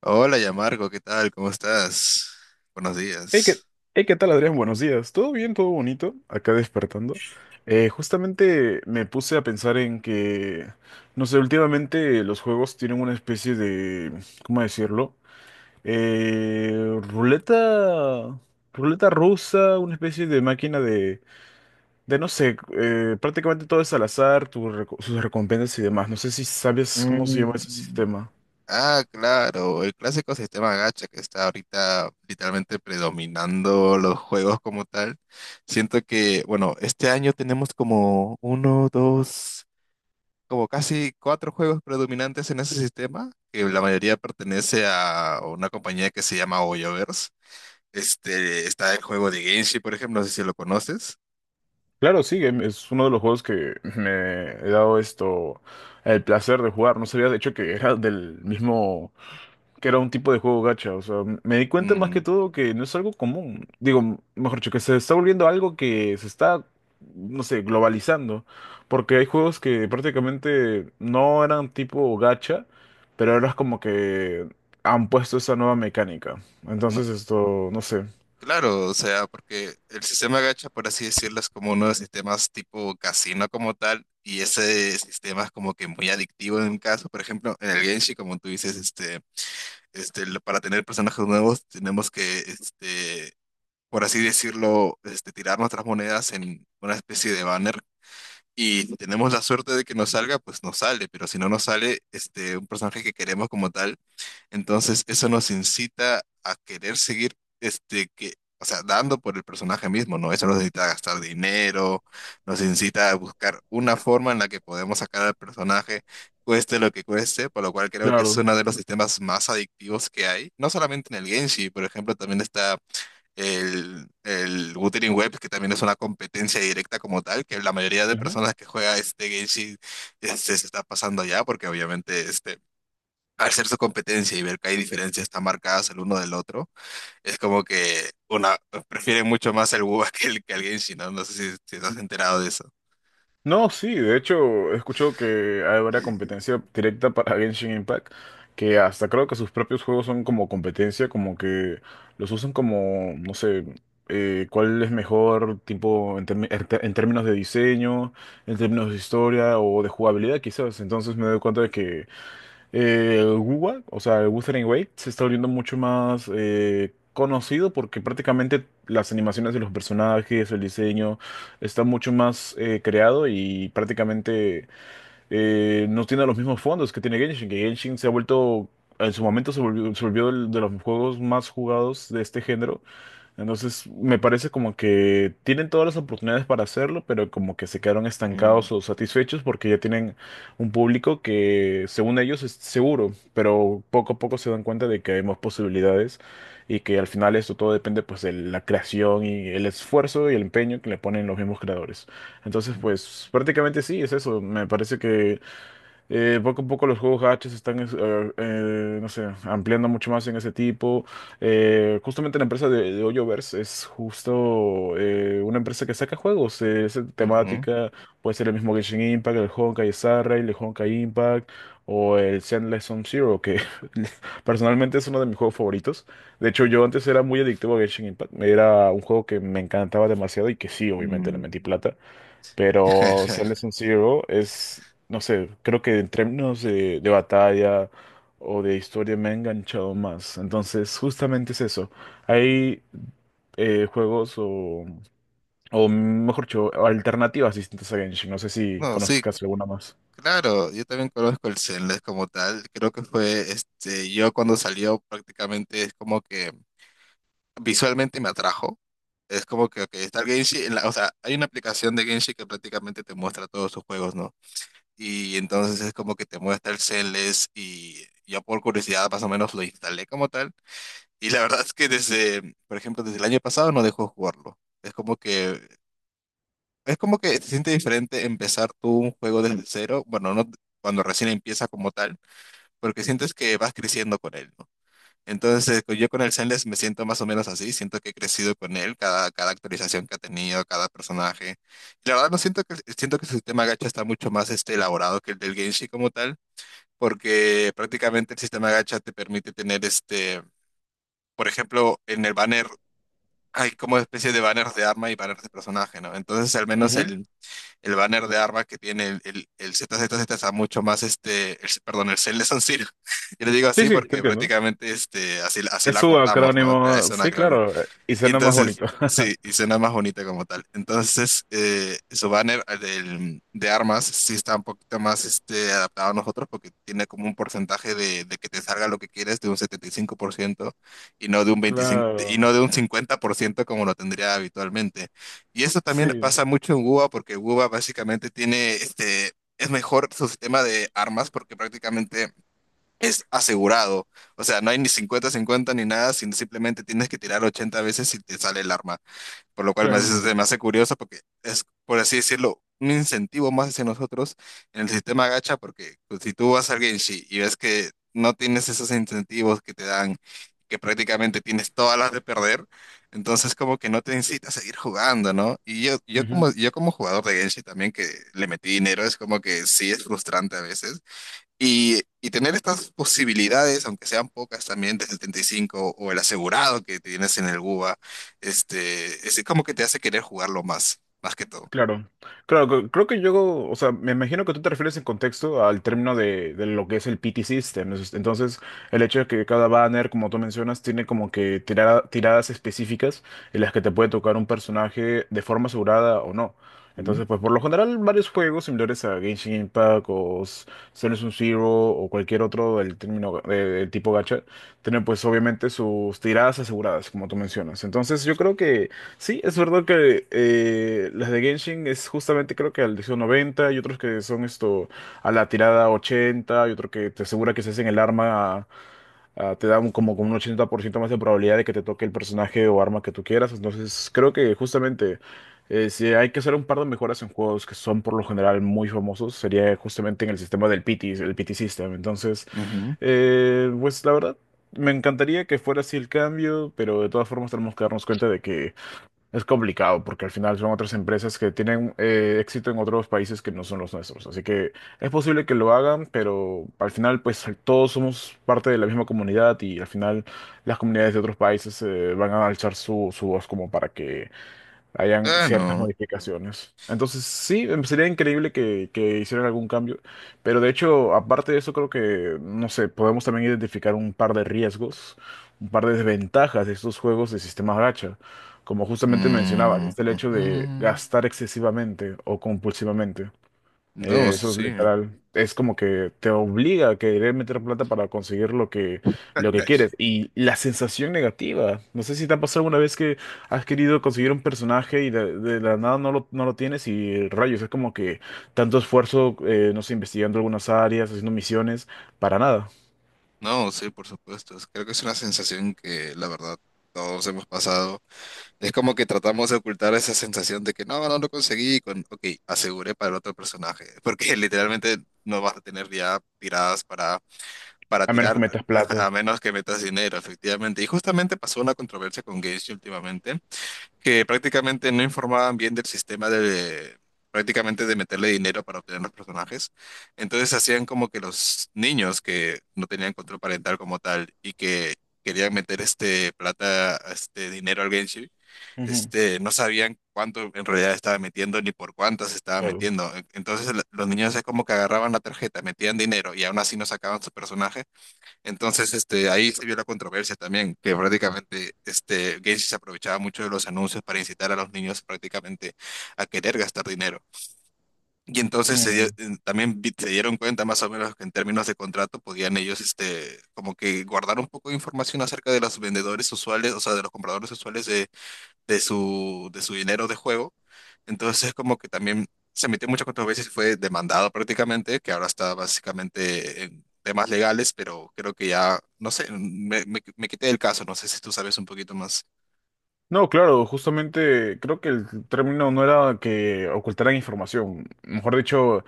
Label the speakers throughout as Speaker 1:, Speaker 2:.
Speaker 1: Hola, Yamarco, ¿qué tal? ¿Cómo estás? Buenos
Speaker 2: Hey, ¿qué,
Speaker 1: días.
Speaker 2: hey, ¿qué tal, Adrián? Buenos días. ¿Todo bien? ¿Todo bonito? Acá despertando. Justamente me puse a pensar en que, no sé, últimamente los juegos tienen una especie de, ¿cómo decirlo? Eh, ruleta, Ruleta rusa, una especie de máquina de no sé, prácticamente todo es al azar, sus recompensas y demás. No sé si sabes cómo se llama ese
Speaker 1: Mm.
Speaker 2: sistema.
Speaker 1: Ah, claro, el clásico sistema gacha que está ahorita literalmente predominando los juegos como tal. Siento que, bueno, este año tenemos como uno, dos, como casi cuatro juegos predominantes en ese sistema, que la mayoría pertenece a una compañía que se llama Hoyoverse. Este, está el juego de Genshin, por ejemplo, no sé si lo conoces.
Speaker 2: Claro, sí, es uno de los juegos que me he dado esto, el placer de jugar. No sabía de hecho que era del mismo, que era un tipo de juego gacha. O sea, me di cuenta más
Speaker 1: Mm.
Speaker 2: que todo que no es algo común. Digo, mejor dicho, que se está volviendo algo que se está, no sé, globalizando. Porque hay juegos que prácticamente no eran tipo gacha, pero ahora es como que han puesto esa nueva mecánica. Entonces esto, no sé.
Speaker 1: Claro, o sea, porque el sistema gacha, por así decirlo, es como uno de los sistemas tipo casino como tal, y ese sistema es como que muy adictivo en un caso, por ejemplo, en el Genshin, como tú dices, este, para tener personajes nuevos tenemos que, este, por así decirlo, este, tirar nuestras monedas en una especie de banner, y si tenemos la suerte de que nos salga, pues nos sale, pero si no nos sale, este, un personaje que queremos como tal, entonces eso nos incita a querer seguir, este, que, o sea, dando por el personaje mismo, ¿no? Eso nos incita a gastar dinero, nos incita a buscar una forma en la que podemos sacar al personaje, cueste lo que cueste, por lo cual creo que es
Speaker 2: Claro.
Speaker 1: uno de los sistemas más adictivos que hay. No solamente en el Genshin, por ejemplo, también está el Wuthering Web, que también es una competencia directa como tal, que la mayoría de personas que juega este Genshin, este, se está pasando ya, porque obviamente, este, al ser su competencia y ver que hay diferencias tan marcadas el uno del otro, es como que una prefieren mucho más el Wu que el Genshin, ¿no? No sé si estás enterado de eso.
Speaker 2: No, sí, de hecho, escucho que habrá competencia directa para Genshin Impact, que hasta creo que sus propios juegos son como competencia, como que los usan como, no sé, cuál es mejor, tipo, en términos de diseño, en términos de historia o de jugabilidad, quizás. Entonces me doy cuenta de que Wuwa, o sea, el Wuthering Waves, se está volviendo mucho más conocido porque prácticamente las animaciones de los personajes, el diseño, está mucho más creado y prácticamente no tiene los mismos fondos que tiene Genshin, que Genshin se ha vuelto, en su momento se volvió de los juegos más jugados de este género. Entonces, me parece como que tienen todas las oportunidades para hacerlo, pero como que se quedaron
Speaker 1: Mm,
Speaker 2: estancados o satisfechos porque ya tienen un público que, según ellos, es seguro, pero poco a poco se dan cuenta de que hay más posibilidades y que al final esto todo depende pues de la creación y el esfuerzo y el empeño que le ponen los mismos creadores. Entonces, pues prácticamente sí, es eso. Me parece que poco a poco los juegos gachas están, no sé, ampliando mucho más en ese tipo. Justamente la empresa de Hoyoverse es justo una empresa que saca juegos. Esa
Speaker 1: ujú,
Speaker 2: temática puede ser el mismo Genshin Impact, el Honkai Star Rail, el Honkai Impact o el Zenless Zone Zero, que personalmente es uno de mis juegos favoritos. De hecho, yo antes era muy adictivo a Genshin Impact. Era un juego que me encantaba demasiado y que sí, obviamente le
Speaker 1: mm.
Speaker 2: metí plata. Pero Silent Zero es, no sé, creo que en términos de batalla o de historia me ha enganchado más. Entonces, justamente es eso. Hay juegos o mejor dicho, alternativas distintas a Genshin. No sé si
Speaker 1: No, sí,
Speaker 2: conozcas alguna más.
Speaker 1: claro, yo también conozco el Zenless como tal. Creo que fue, este, yo cuando salió prácticamente es como que visualmente me atrajo. Es como que ok, está el Genshin, en o sea, hay una aplicación de Genshin que prácticamente te muestra todos sus juegos, ¿no? Y entonces es como que te muestra el setlist y yo por curiosidad más o menos lo instalé como tal, y la verdad es que desde, por ejemplo, desde el año pasado no dejó jugarlo. Es como que se siente diferente empezar tú un juego desde cero, bueno, no cuando recién empieza como tal, porque sientes que vas creciendo con él, ¿no? Entonces, yo con el Zenless me siento más o menos así, siento que he crecido con él, cada, cada actualización que ha tenido, cada personaje. Y la verdad no siento que siento que su sistema gacha está mucho más, este, elaborado que el del Genshin como tal, porque prácticamente el sistema gacha te permite tener, este, por ejemplo, en el banner hay como especie de banners de arma y banners de personaje, ¿no? Entonces al menos
Speaker 2: Ujú.
Speaker 1: el banner de arma que tiene el ZZZ está mucho más, este, perdón, el Cell de San Siro. Yo le digo
Speaker 2: Sí,
Speaker 1: así
Speaker 2: sí, te
Speaker 1: porque
Speaker 2: entiendo.
Speaker 1: prácticamente, este, así, así
Speaker 2: Es
Speaker 1: la
Speaker 2: su
Speaker 1: cortamos, ¿no?
Speaker 2: acrónimo,
Speaker 1: Es una.
Speaker 2: sí, claro, y
Speaker 1: Y
Speaker 2: suena más
Speaker 1: entonces,
Speaker 2: bonito.
Speaker 1: sí, y suena más bonita como tal. Entonces, su banner, de armas, sí está un poquito más, este, adaptado a nosotros porque tiene como un porcentaje de que te salga lo que quieres de un 75%, y no de un 25, y
Speaker 2: Claro,
Speaker 1: no de un 50% como lo tendría habitualmente. Y eso también
Speaker 2: sí,
Speaker 1: pasa mucho en WUBA porque WUBA básicamente tiene este... Es mejor su sistema de armas porque prácticamente es asegurado. O sea, no hay ni cincuenta cincuenta ni nada, sino simplemente tienes que tirar 80 veces y te sale el arma. Por lo cual me
Speaker 2: claro.
Speaker 1: hace, se me hace curioso porque es, por así decirlo, un incentivo más hacia nosotros en el sistema gacha, porque pues, si tú vas al Genshin y ves que no tienes esos incentivos que te dan, que prácticamente tienes todas las de perder, entonces como que no te incita a seguir jugando, ¿no? Y yo como jugador de Genshin también que le metí dinero, es como que sí es frustrante a veces y tener estas posibilidades, aunque sean pocas también, de 75 o el asegurado que tienes en el GUBA, este, es como que te hace querer jugarlo más, más que todo.
Speaker 2: Claro, claro, creo que yo, o sea, me imagino que tú te refieres en contexto al término de lo que es el PT System. Entonces, el hecho de que cada banner, como tú mencionas, tiene como que tiradas específicas en las que te puede tocar un personaje de forma asegurada o no.
Speaker 1: Ujú,
Speaker 2: Entonces, pues por lo general, varios juegos similares a Genshin Impact o Zero Sum Zero o cualquier otro del término del tipo gacha, tienen pues obviamente sus tiradas aseguradas, como tú mencionas. Entonces, yo creo que sí, es verdad que las de Genshin es justamente creo que al 90 y otros que son esto a la tirada 80 y otro que te asegura que si hacen el arma ah, te da como con un 80% más de probabilidad de que te toque el personaje o arma que tú quieras. Entonces creo que justamente si hay que hacer un par de mejoras en juegos que son por lo general muy famosos sería justamente en el sistema del PT, el PT System. Entonces,
Speaker 1: ujú.
Speaker 2: pues la verdad... Me encantaría que fuera así el cambio, pero de todas formas tenemos que darnos cuenta de que es complicado porque al final son otras empresas que tienen éxito en otros países que no son los nuestros. Así que es posible que lo hagan, pero al final pues todos somos parte de la misma comunidad y al final las comunidades de otros países van a alzar su voz como para que hayan ciertas
Speaker 1: Claro.
Speaker 2: modificaciones. Entonces, sí, sería increíble que hicieran algún cambio, pero de hecho, aparte de eso, creo que, no sé, podemos también identificar un par de riesgos, un par de desventajas de estos juegos de sistemas gacha, como justamente mencionabas,
Speaker 1: Mm,
Speaker 2: está el hecho de
Speaker 1: ujú.
Speaker 2: gastar excesivamente o compulsivamente.
Speaker 1: No,
Speaker 2: Eso es
Speaker 1: sí.
Speaker 2: literal. Es como que te obliga a querer meter plata para conseguir lo que quieres. Y la sensación negativa. No sé si te ha pasado alguna vez que has querido conseguir un personaje y de la nada no lo tienes y rayos. Es como que tanto esfuerzo, no sé, investigando algunas áreas, haciendo misiones, para nada.
Speaker 1: No, sí, por supuesto. Creo que es una sensación que la verdad todos hemos pasado. Es como que tratamos de ocultar esa sensación de que no, no lo conseguí con, ok, aseguré para el otro personaje, porque literalmente no vas a tener ya tiradas para
Speaker 2: A menos que
Speaker 1: tirar,
Speaker 2: metas plata.
Speaker 1: a menos que metas dinero, efectivamente. Y justamente pasó una controversia con Genshin últimamente, que prácticamente no informaban bien del sistema de, prácticamente de meterle dinero para obtener los personajes. Entonces hacían como que los niños que no tenían control parental como tal y que querían meter este plata, este dinero al Genshin,
Speaker 2: Ujú,
Speaker 1: este, no sabían cuánto en realidad estaba metiendo ni por cuántas estaba
Speaker 2: claro.
Speaker 1: metiendo. Entonces los niños es como que agarraban la tarjeta, metían dinero y aún así no sacaban su personaje, entonces, este, ahí se vio la controversia también, que prácticamente, este, Gacy se aprovechaba mucho de los anuncios para incitar a los niños prácticamente a querer gastar dinero. Y entonces
Speaker 2: Mm.
Speaker 1: también se dieron cuenta más o menos que en términos de contrato podían ellos, este, como que guardar un poco de información acerca de los vendedores usuales, o sea, de los compradores usuales de su dinero de juego. Entonces, es como que también se metió muchas controversia y fue demandado prácticamente, que ahora está básicamente en temas legales, pero creo que ya, no sé, me quité del caso, no sé si tú sabes un poquito más.
Speaker 2: No, claro, justamente creo que el término no era que ocultaran información. Mejor dicho,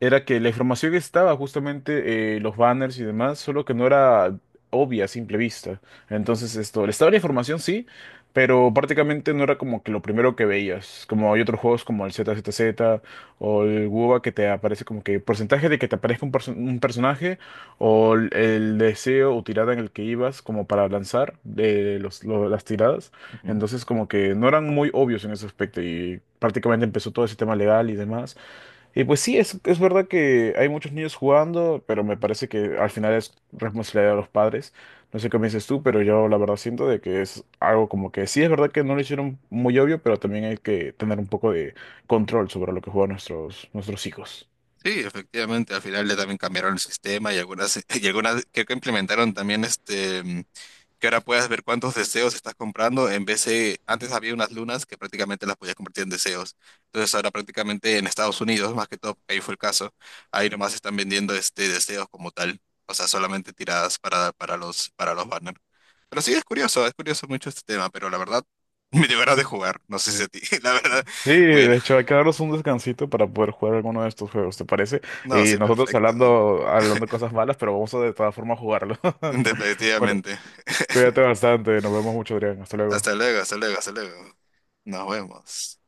Speaker 2: era que la información estaba justamente los banners y demás, solo que no era obvia a simple vista. Entonces esto, estaba la información sí, pero prácticamente no era como que lo primero que veías. Como hay otros juegos como el ZZZ o el WoBA que te aparece como que porcentaje de que te aparezca un, un personaje o el deseo o tirada en el que ibas como para lanzar de los, las tiradas.
Speaker 1: Ujú.
Speaker 2: Entonces como que no eran muy obvios en ese aspecto y prácticamente empezó todo ese tema legal y demás. Y pues sí, es verdad que hay muchos niños jugando, pero me parece que al final es responsabilidad de los padres. No sé qué me dices tú, pero yo la verdad siento de que es algo como que sí, es verdad que no lo hicieron muy obvio, pero también hay que tener un poco de control sobre lo que juegan nuestros hijos.
Speaker 1: Sí, efectivamente, al final le también cambiaron el sistema y algunas, y algunas creo que implementaron también este. Que ahora puedas ver cuántos deseos estás comprando, en vez de, antes había unas lunas que prácticamente las podías convertir en deseos. Entonces ahora prácticamente en Estados Unidos, más que todo, porque ahí fue el caso, ahí nomás están vendiendo este deseos como tal, o sea, solamente tiradas para los banners. Pero sí, es curioso mucho este tema, pero la verdad, me dio ganas de jugar, no sé si a ti, la verdad,
Speaker 2: Sí,
Speaker 1: bueno,
Speaker 2: de hecho hay que darnos un descansito para poder jugar alguno de estos juegos, ¿te parece?
Speaker 1: no,
Speaker 2: Y
Speaker 1: sí,
Speaker 2: nosotros
Speaker 1: perfecto,
Speaker 2: hablando cosas malas, pero vamos a de todas formas jugarlo. Bueno,
Speaker 1: definitivamente.
Speaker 2: cuídate bastante, nos vemos mucho, Adrián, hasta
Speaker 1: Hasta
Speaker 2: luego.
Speaker 1: luego, hasta luego, hasta luego. Nos vemos.